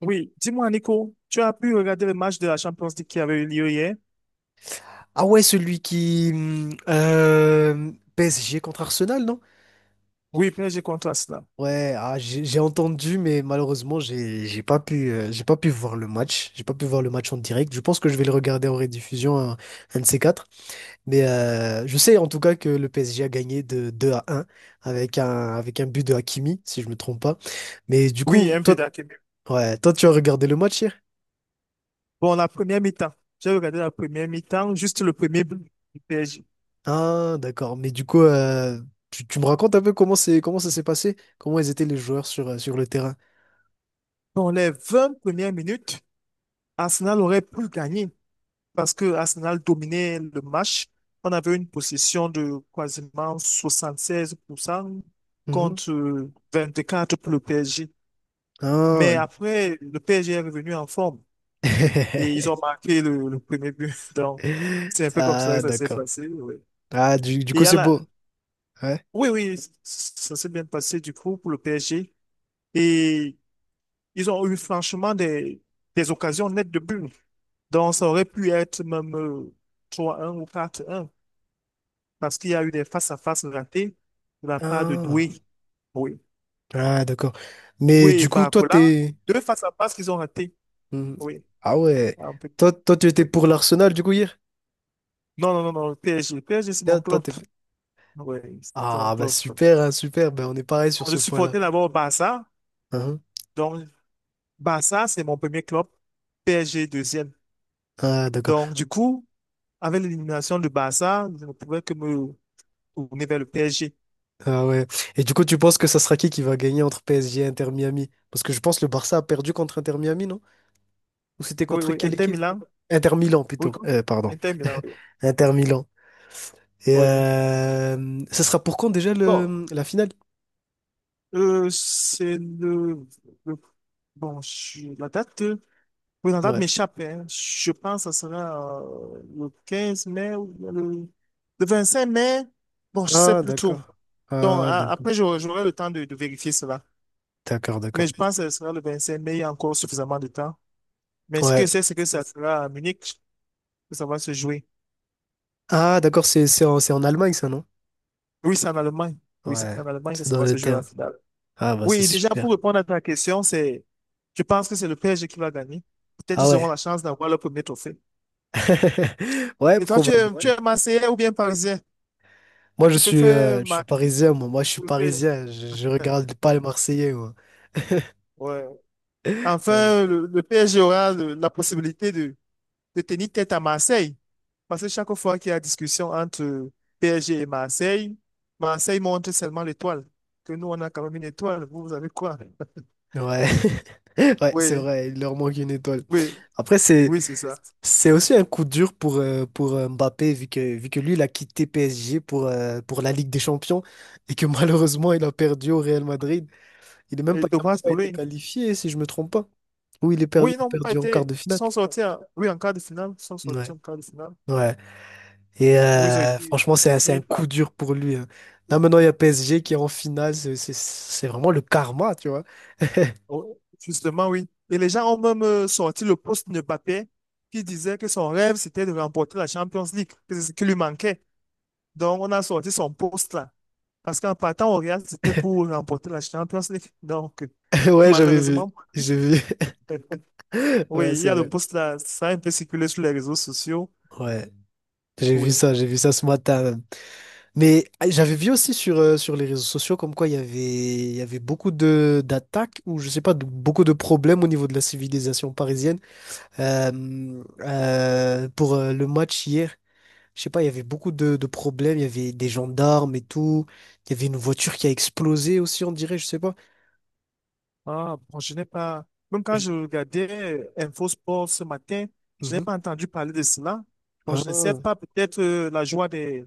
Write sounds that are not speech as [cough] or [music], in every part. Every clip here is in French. Oui, dis-moi, Nico, tu as pu regarder le match de la Champions League qui avait eu lieu hier? Ah ouais, celui qui... PSG contre Arsenal, non? Oui, PSG contre Arsenal. Ouais, ah, j'ai entendu, mais malheureusement, j'ai pas pu, j'ai pas pu voir le match. J'ai pas pu voir le match en direct. Je pense que je vais le regarder en rediffusion, un de ces quatre. Mais je sais en tout cas que le PSG a gagné de 2 à un avec un, avec un but de Hakimi, si je me trompe pas. Mais du coup, Oui, un but toi, d'Hakimi. ouais, toi, tu as regardé le match hier? Bon, la première mi-temps. J'ai regardé la première mi-temps, juste le premier but du PSG. Ah, d'accord. Mais du coup, tu me racontes un peu comment c'est, comment ça s'est passé? Comment ils étaient les joueurs sur, sur le terrain? Dans les 20 premières minutes, Arsenal aurait pu gagner, parce que Arsenal dominait le match. On avait une possession de quasiment 76% Mhm. contre 24% pour le PSG. Ah. Mais après, le PSG est revenu en forme et ils ont [laughs] marqué le premier but. [laughs] Donc, c'est un peu comme ça que Ah, ça s'est d'accord. passé. Oui, Ah, du et il coup, y a c'est la- beau. Ouais. oui, oui, ça s'est bien passé du coup pour le PSG. Et ils ont eu franchement des occasions nettes de but. Donc, ça aurait pu être même 3-1 ou 4-1, parce qu'il y a eu des face-à-face ratés de la part de Ah, Doué. Oui. Ah, d'accord. Mais Doué et du coup, toi, Barcola, t'es. deux face-à-face qu'ils ont ratés. Mhm. Oui. Ah ouais. Un peu. Toi, toi, tu étais Oui. pour l'Arsenal, du coup, hier? Non, non, non, non, PSG. PSG, c'est Toi, mon toi, club. t'es- Oui, c'est mon Ah, bah club. super, hein, super. Ben, Oui. on est pareil sur Donc, je ce point-là. supportais d'abord Barça. Hein. Donc, Barça, c'est mon premier club. PSG, deuxième. Ah, d'accord. Donc, du coup, avec l'élimination de Barça, je ne pouvais que me tourner vers le PSG. Ah ouais. Et du coup, tu penses que ça sera qui va gagner entre PSG et Inter Miami? Parce que je pense que le Barça a perdu contre Inter Miami, non? Ou c'était Oui, contre oui, quelle Inter équipe? Milan. Inter Milan, Oui, plutôt. contre- Pardon. Inter Milan, oui. Oui. Inter Milan. Et Oui. Ça sera pour quand déjà Bon, le, la finale? C'est le- Bon, je- la date, oui, la date Ouais. m'échappe, hein. Je pense que ça sera le 15 mai ou bien le 5 mai. Bon, je sais Ah, plus trop. d'accord. Donc, Ah, a- d'accord. après, j'aurai le temps de vérifier cela. D'accord, Mais d'accord. je pense que ce sera le 25 mai. Il y a encore suffisamment de temps. Mais ce que Ouais. C'est que ça sera à Munich que ça va se jouer. Ah, d'accord, c'est en, c'est en Allemagne, ça, non? Oui, c'est en Allemagne. Oui, c'est Ouais. en Allemagne que C'est ça dans va se le jouer la terrain. finale. Ah, bah, c'est Oui, déjà pour super. répondre à ta question, c'est, je pense que c'est le PSG qui va gagner. Peut-être Ah ils auront ouais. la chance d'avoir le premier trophée. [laughs] Ouais, Et toi, tu es, probable. ouais, tu es Marseillais ou bien Parisien? Moi, Tu préfères je suis Mar- parisien, moi. Moi, je suis le PSG? parisien. Je regarde pas les Marseillais, moi. Ouais. Ouais. Enfin, le PSG aura le- la possibilité de tenir tête à Marseille. Parce que chaque fois qu'il y a discussion entre PSG et Marseille, Marseille montre seulement l'étoile. Que nous, on a quand même une étoile. Vous, vous avez quoi? [laughs] Ouais. [laughs] Ouais, c'est Oui, vrai. Il leur manque une étoile. oui, Après, oui, c'est ça. c'est aussi un coup dur pour Mbappé, vu que lui, il a quitté PSG pour la Ligue des Champions et que [laughs] malheureusement, il a perdu au Real Madrid. Il n'a même Et pas, il a même dommage pas pour été lui. qualifié, si je me trompe pas. Oui, il est Oui, perdu, ils il a n'ont pas perdu en quart été, de ils finale. sont sortis en, oui, en quart de finale, ils sont sortis Ouais. en quart de finale. Ouais. Et Oui, ils ont été franchement, c'est un mis coup par- dur pour lui, hein. Là, maintenant, il y a PSG qui est en finale. C'est- c'est vraiment le karma, tu vois. [laughs] oh, justement, oui. Et les gens ont même sorti le poste de Mbappé qui disait que son rêve, c'était de remporter la Champions League, que c'est ce qui lui manquait. Donc, on a sorti son poste là. Parce qu'en partant au Real, c'était pour remporter la Champions League. Donc, Ouais, j'avais vu. malheureusement, J'ai vu. [laughs] [laughs] Ouais, oui, il y c'est a le vrai. poste là, ça a un peu circulé sur les réseaux sociaux. Ouais. Oui, J'ai vu ça ce matin. Mais ah, j'avais vu aussi sur, sur les réseaux sociaux comme quoi il y avait beaucoup de d'attaques ou je sais pas, de- beaucoup de problèmes au niveau de la civilisation parisienne. Pour le match hier, je sais pas, il y avait beaucoup de problèmes, il y avait des gendarmes et tout. Il y avait une voiture qui a explosé aussi, on dirait, je sais pas. ah, bon, je n'ai pas. Même quand Je- je regardais Info Sport ce matin, je n'ai Mhm. pas entendu parler de cela. Bon, je ne sais Ah, pas, peut-être la joie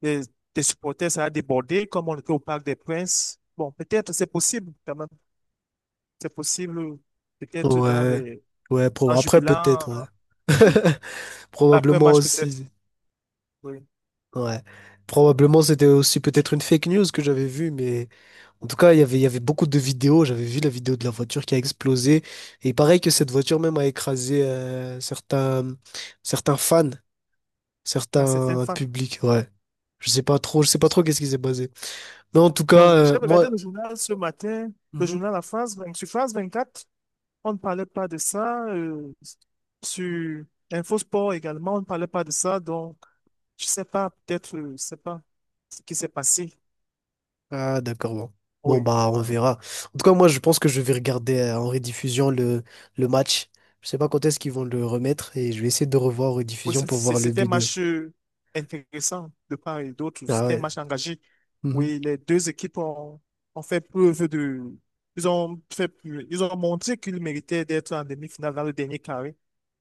des, des supporters, ça a débordé, comme on était au Parc des Princes. Bon, peut-être c'est possible quand même. C'est possible, peut-être dans ouais, les, ouais, pro- en après peut-être, jubilant, ouais. Oui. [laughs] Probablement L'après-match, peut-être, aussi. oui. Ouais. Probablement c'était aussi peut-être une fake news que j'avais vue, mais. En tout cas, il y avait beaucoup de vidéos. J'avais vu la vidéo de la voiture qui a explosé. Et pareil que cette voiture même a écrasé certains, certains fans, Dans certains certains fans. publics. Ouais. Je sais pas trop, je sais pas trop qu'est-ce qui s'est passé. Mais en tout Bon, cas, j'ai regardé moi. le journal ce matin, le Mhm. journal La France, vingt- sur France 24. On ne parlait pas de ça. Sur InfoSport également, on ne parlait pas de ça. Donc, je sais pas, peut-être, je sais pas ce qui s'est passé. Ah, d'accord, bon. Bon, Oui. bah, on euh, verra. En tout cas, moi, je pense que je vais regarder en rediffusion le match. Je sais pas quand est-ce qu'ils vont le remettre et je vais essayer de revoir en oui, rediffusion pour c'est- voir le c'était un but de. match intéressant de part et d'autre. Ah C'était un ouais. match engagé. Mhm. Oui, les deux équipes ont, ont fait preuve de. Ils ont fait, ils ont montré qu'ils méritaient d'être en demi-finale dans le dernier carré.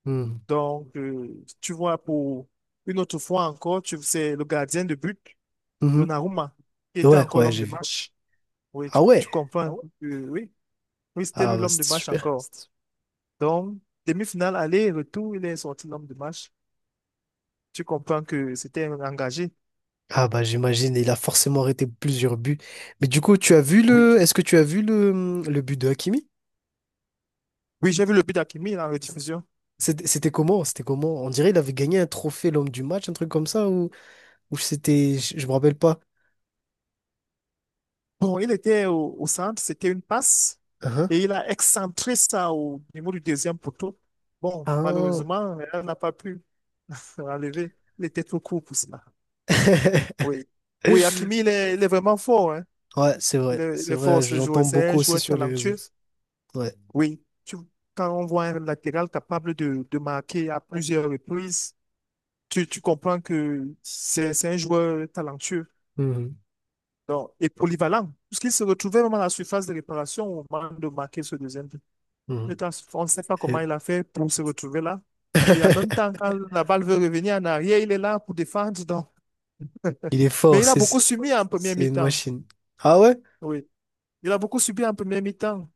Mhm. Donc, tu vois, pour une autre fois encore, tu c'est le gardien de but. Mhm. Donnarumma, qui était Ouais, encore ouais, l'homme j'ai de vu. match. Oui, Ah tu ouais. comprends. Ah ouais? Oui, oui, c'était Ah lui bah l'homme de c'était match super. encore. Donc, demi-finale, aller, retour, il est sorti l'homme de match. Tu comprends que c'était un engagé. Ah bah j'imagine, il a forcément arrêté plusieurs buts. Mais du coup, tu as vu Oui, le. tu- Est-ce que tu as vu le but de Hakimi? oui, j'ai vu le but d'Akimi en rediffusion. C'était comment? C'était comment? On dirait il avait gagné un trophée l'homme du match, un truc comme ça, ou c'était. Je me rappelle pas. Bon, il était au, au centre, c'était une passe. Hein. Et il a excentré ça au niveau du deuxième poteau. Bon, Ah. malheureusement, elle n'a pas pu enlever. Il était trop court pour cela. [laughs] Oui. Oui, Hakimi, il est vraiment fort, hein. Ouais, c'est vrai. Il C'est est vrai, fort ce joueur. j'entends C'est beaucoup un aussi joueur sur les réseaux. talentueux. Ouais. Oui, tu- quand on voit un latéral capable de marquer à plusieurs reprises, tu comprends que c'est un joueur talentueux Mhm. donc, et polyvalent, puisqu'il se retrouvait vraiment à la surface de réparation au moment de marquer ce deuxième but. Mhm. Le temps, on ne sait pas comment Et- il a fait pour se retrouver là. Et en même temps, [laughs] quand la balle veut revenir en arrière, il est là pour défendre. Donc. Il est Mais fort, il a c'est beaucoup subi en première c'est une mi-temps. machine. Ah ouais? Oui, il a beaucoup subi en première mi-temps.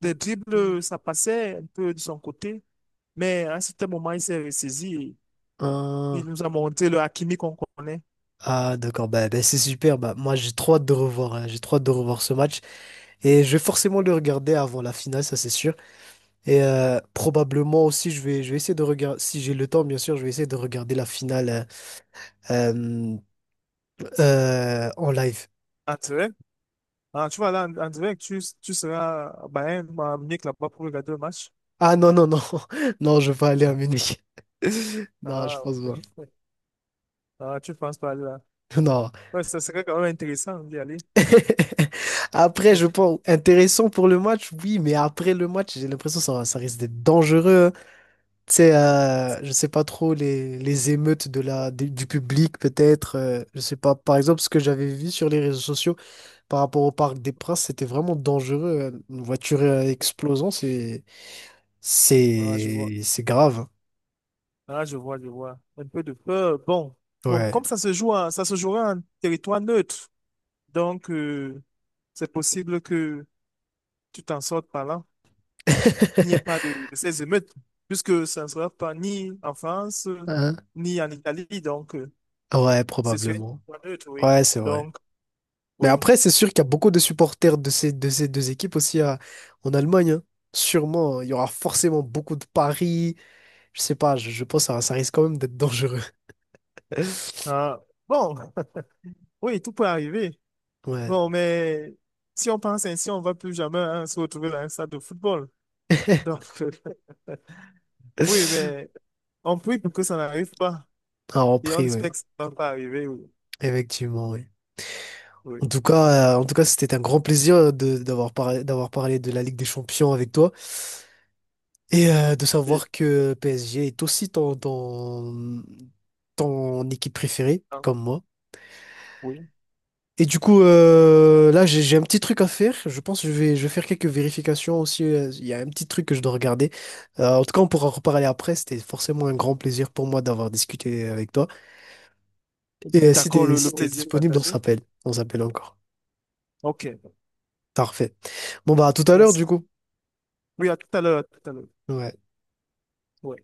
Des Mmh. dribbles, ça passait un peu de son côté. Mais à un certain moment, il s'est ressaisi. Il Ah. nous a montré le Hakimi qu'on connaît. Ah, d'accord, bah, bah, c'est super. Bah, moi, j'ai trop hâte de revoir, hein, j'ai trop hâte de revoir ce match. Et je vais forcément le regarder avant la finale, ça c'est sûr. Et probablement aussi, je vais essayer de regarder, si j'ai le temps, bien sûr, je vais essayer de regarder la finale euh, en live. En direct. Ah, tu vas aller en, en direct, tu seras à Bayern, à Munich là-bas pour regarder le match. Ah non, non, non, [laughs] non, je vais pas aller à Munich. [laughs] Non, je Ah, pense OK. pas. [laughs] Ah, tu penses pas là. Non. Ouais, ça serait quand même intéressant d'y aller. [laughs] Après, je pense, intéressant pour le match, oui, mais après le match, j'ai l'impression que ça risque d'être dangereux, hein. Tu sais, je sais pas trop les émeutes de la, des- du public, peut-être. Je sais pas. Par exemple, ce que j'avais vu sur les réseaux sociaux par rapport au Parc des Princes, c'était vraiment dangereux. Une voiture explosant, Ah, je vois. C'est grave. Ah, je vois, je vois. Un peu de peur. Bon, bon, Ouais. comme ça se joue, en- ça se jouera en territoire neutre. Donc, c'est possible que tu t'en sortes par là, qu'il n'y ait pas [laughs] de, de ces émeutes, puisque ça ne sera pas ni en France, Hein? ni en Italie. Donc, Ouais, c'est sur un probablement. point neutre, oui. Ouais, c'est vrai. Donc, Mais oui. après, c'est sûr qu'il y a beaucoup de supporters de ces deux équipes aussi à- en Allemagne, hein. Sûrement, il y aura forcément beaucoup de paris. Je sais pas, je pense que ça risque quand même d'être dangereux. [laughs] Ah, bon, [laughs] oui, tout peut arriver. Ouais. Bon, mais si on pense ainsi, on ne va plus jamais hein, se retrouver dans un stade de football. Donc, [laughs] oui, mais [laughs] on prie pour que ça n'arrive pas. Ah, en Et on prix, ouais. espère que ça ne va pas arriver, oui. Effectivement, oui. Oui. En tout cas, c'était un grand plaisir de, d'avoir parlé de la Ligue des Champions avec toi et de Et, savoir que PSG est aussi ton, ton, ton équipe préférée, ah, comme moi. oui. Et du coup, là, j'ai un petit truc à faire. Je pense que je vais faire quelques vérifications aussi. Il y a un petit truc que je dois regarder. En tout cas, on pourra en reparler après. C'était forcément un grand plaisir pour moi d'avoir discuté avec toi. Et si D'accord, t'es le si t'es plaisir disponible, on partagé. s'appelle. On s'appelle encore. OK. Parfait. Bon bah à tout à l'heure Merci. du coup. Oui, à tout à l'heure, à tout à l'heure. Ouais. Ouais.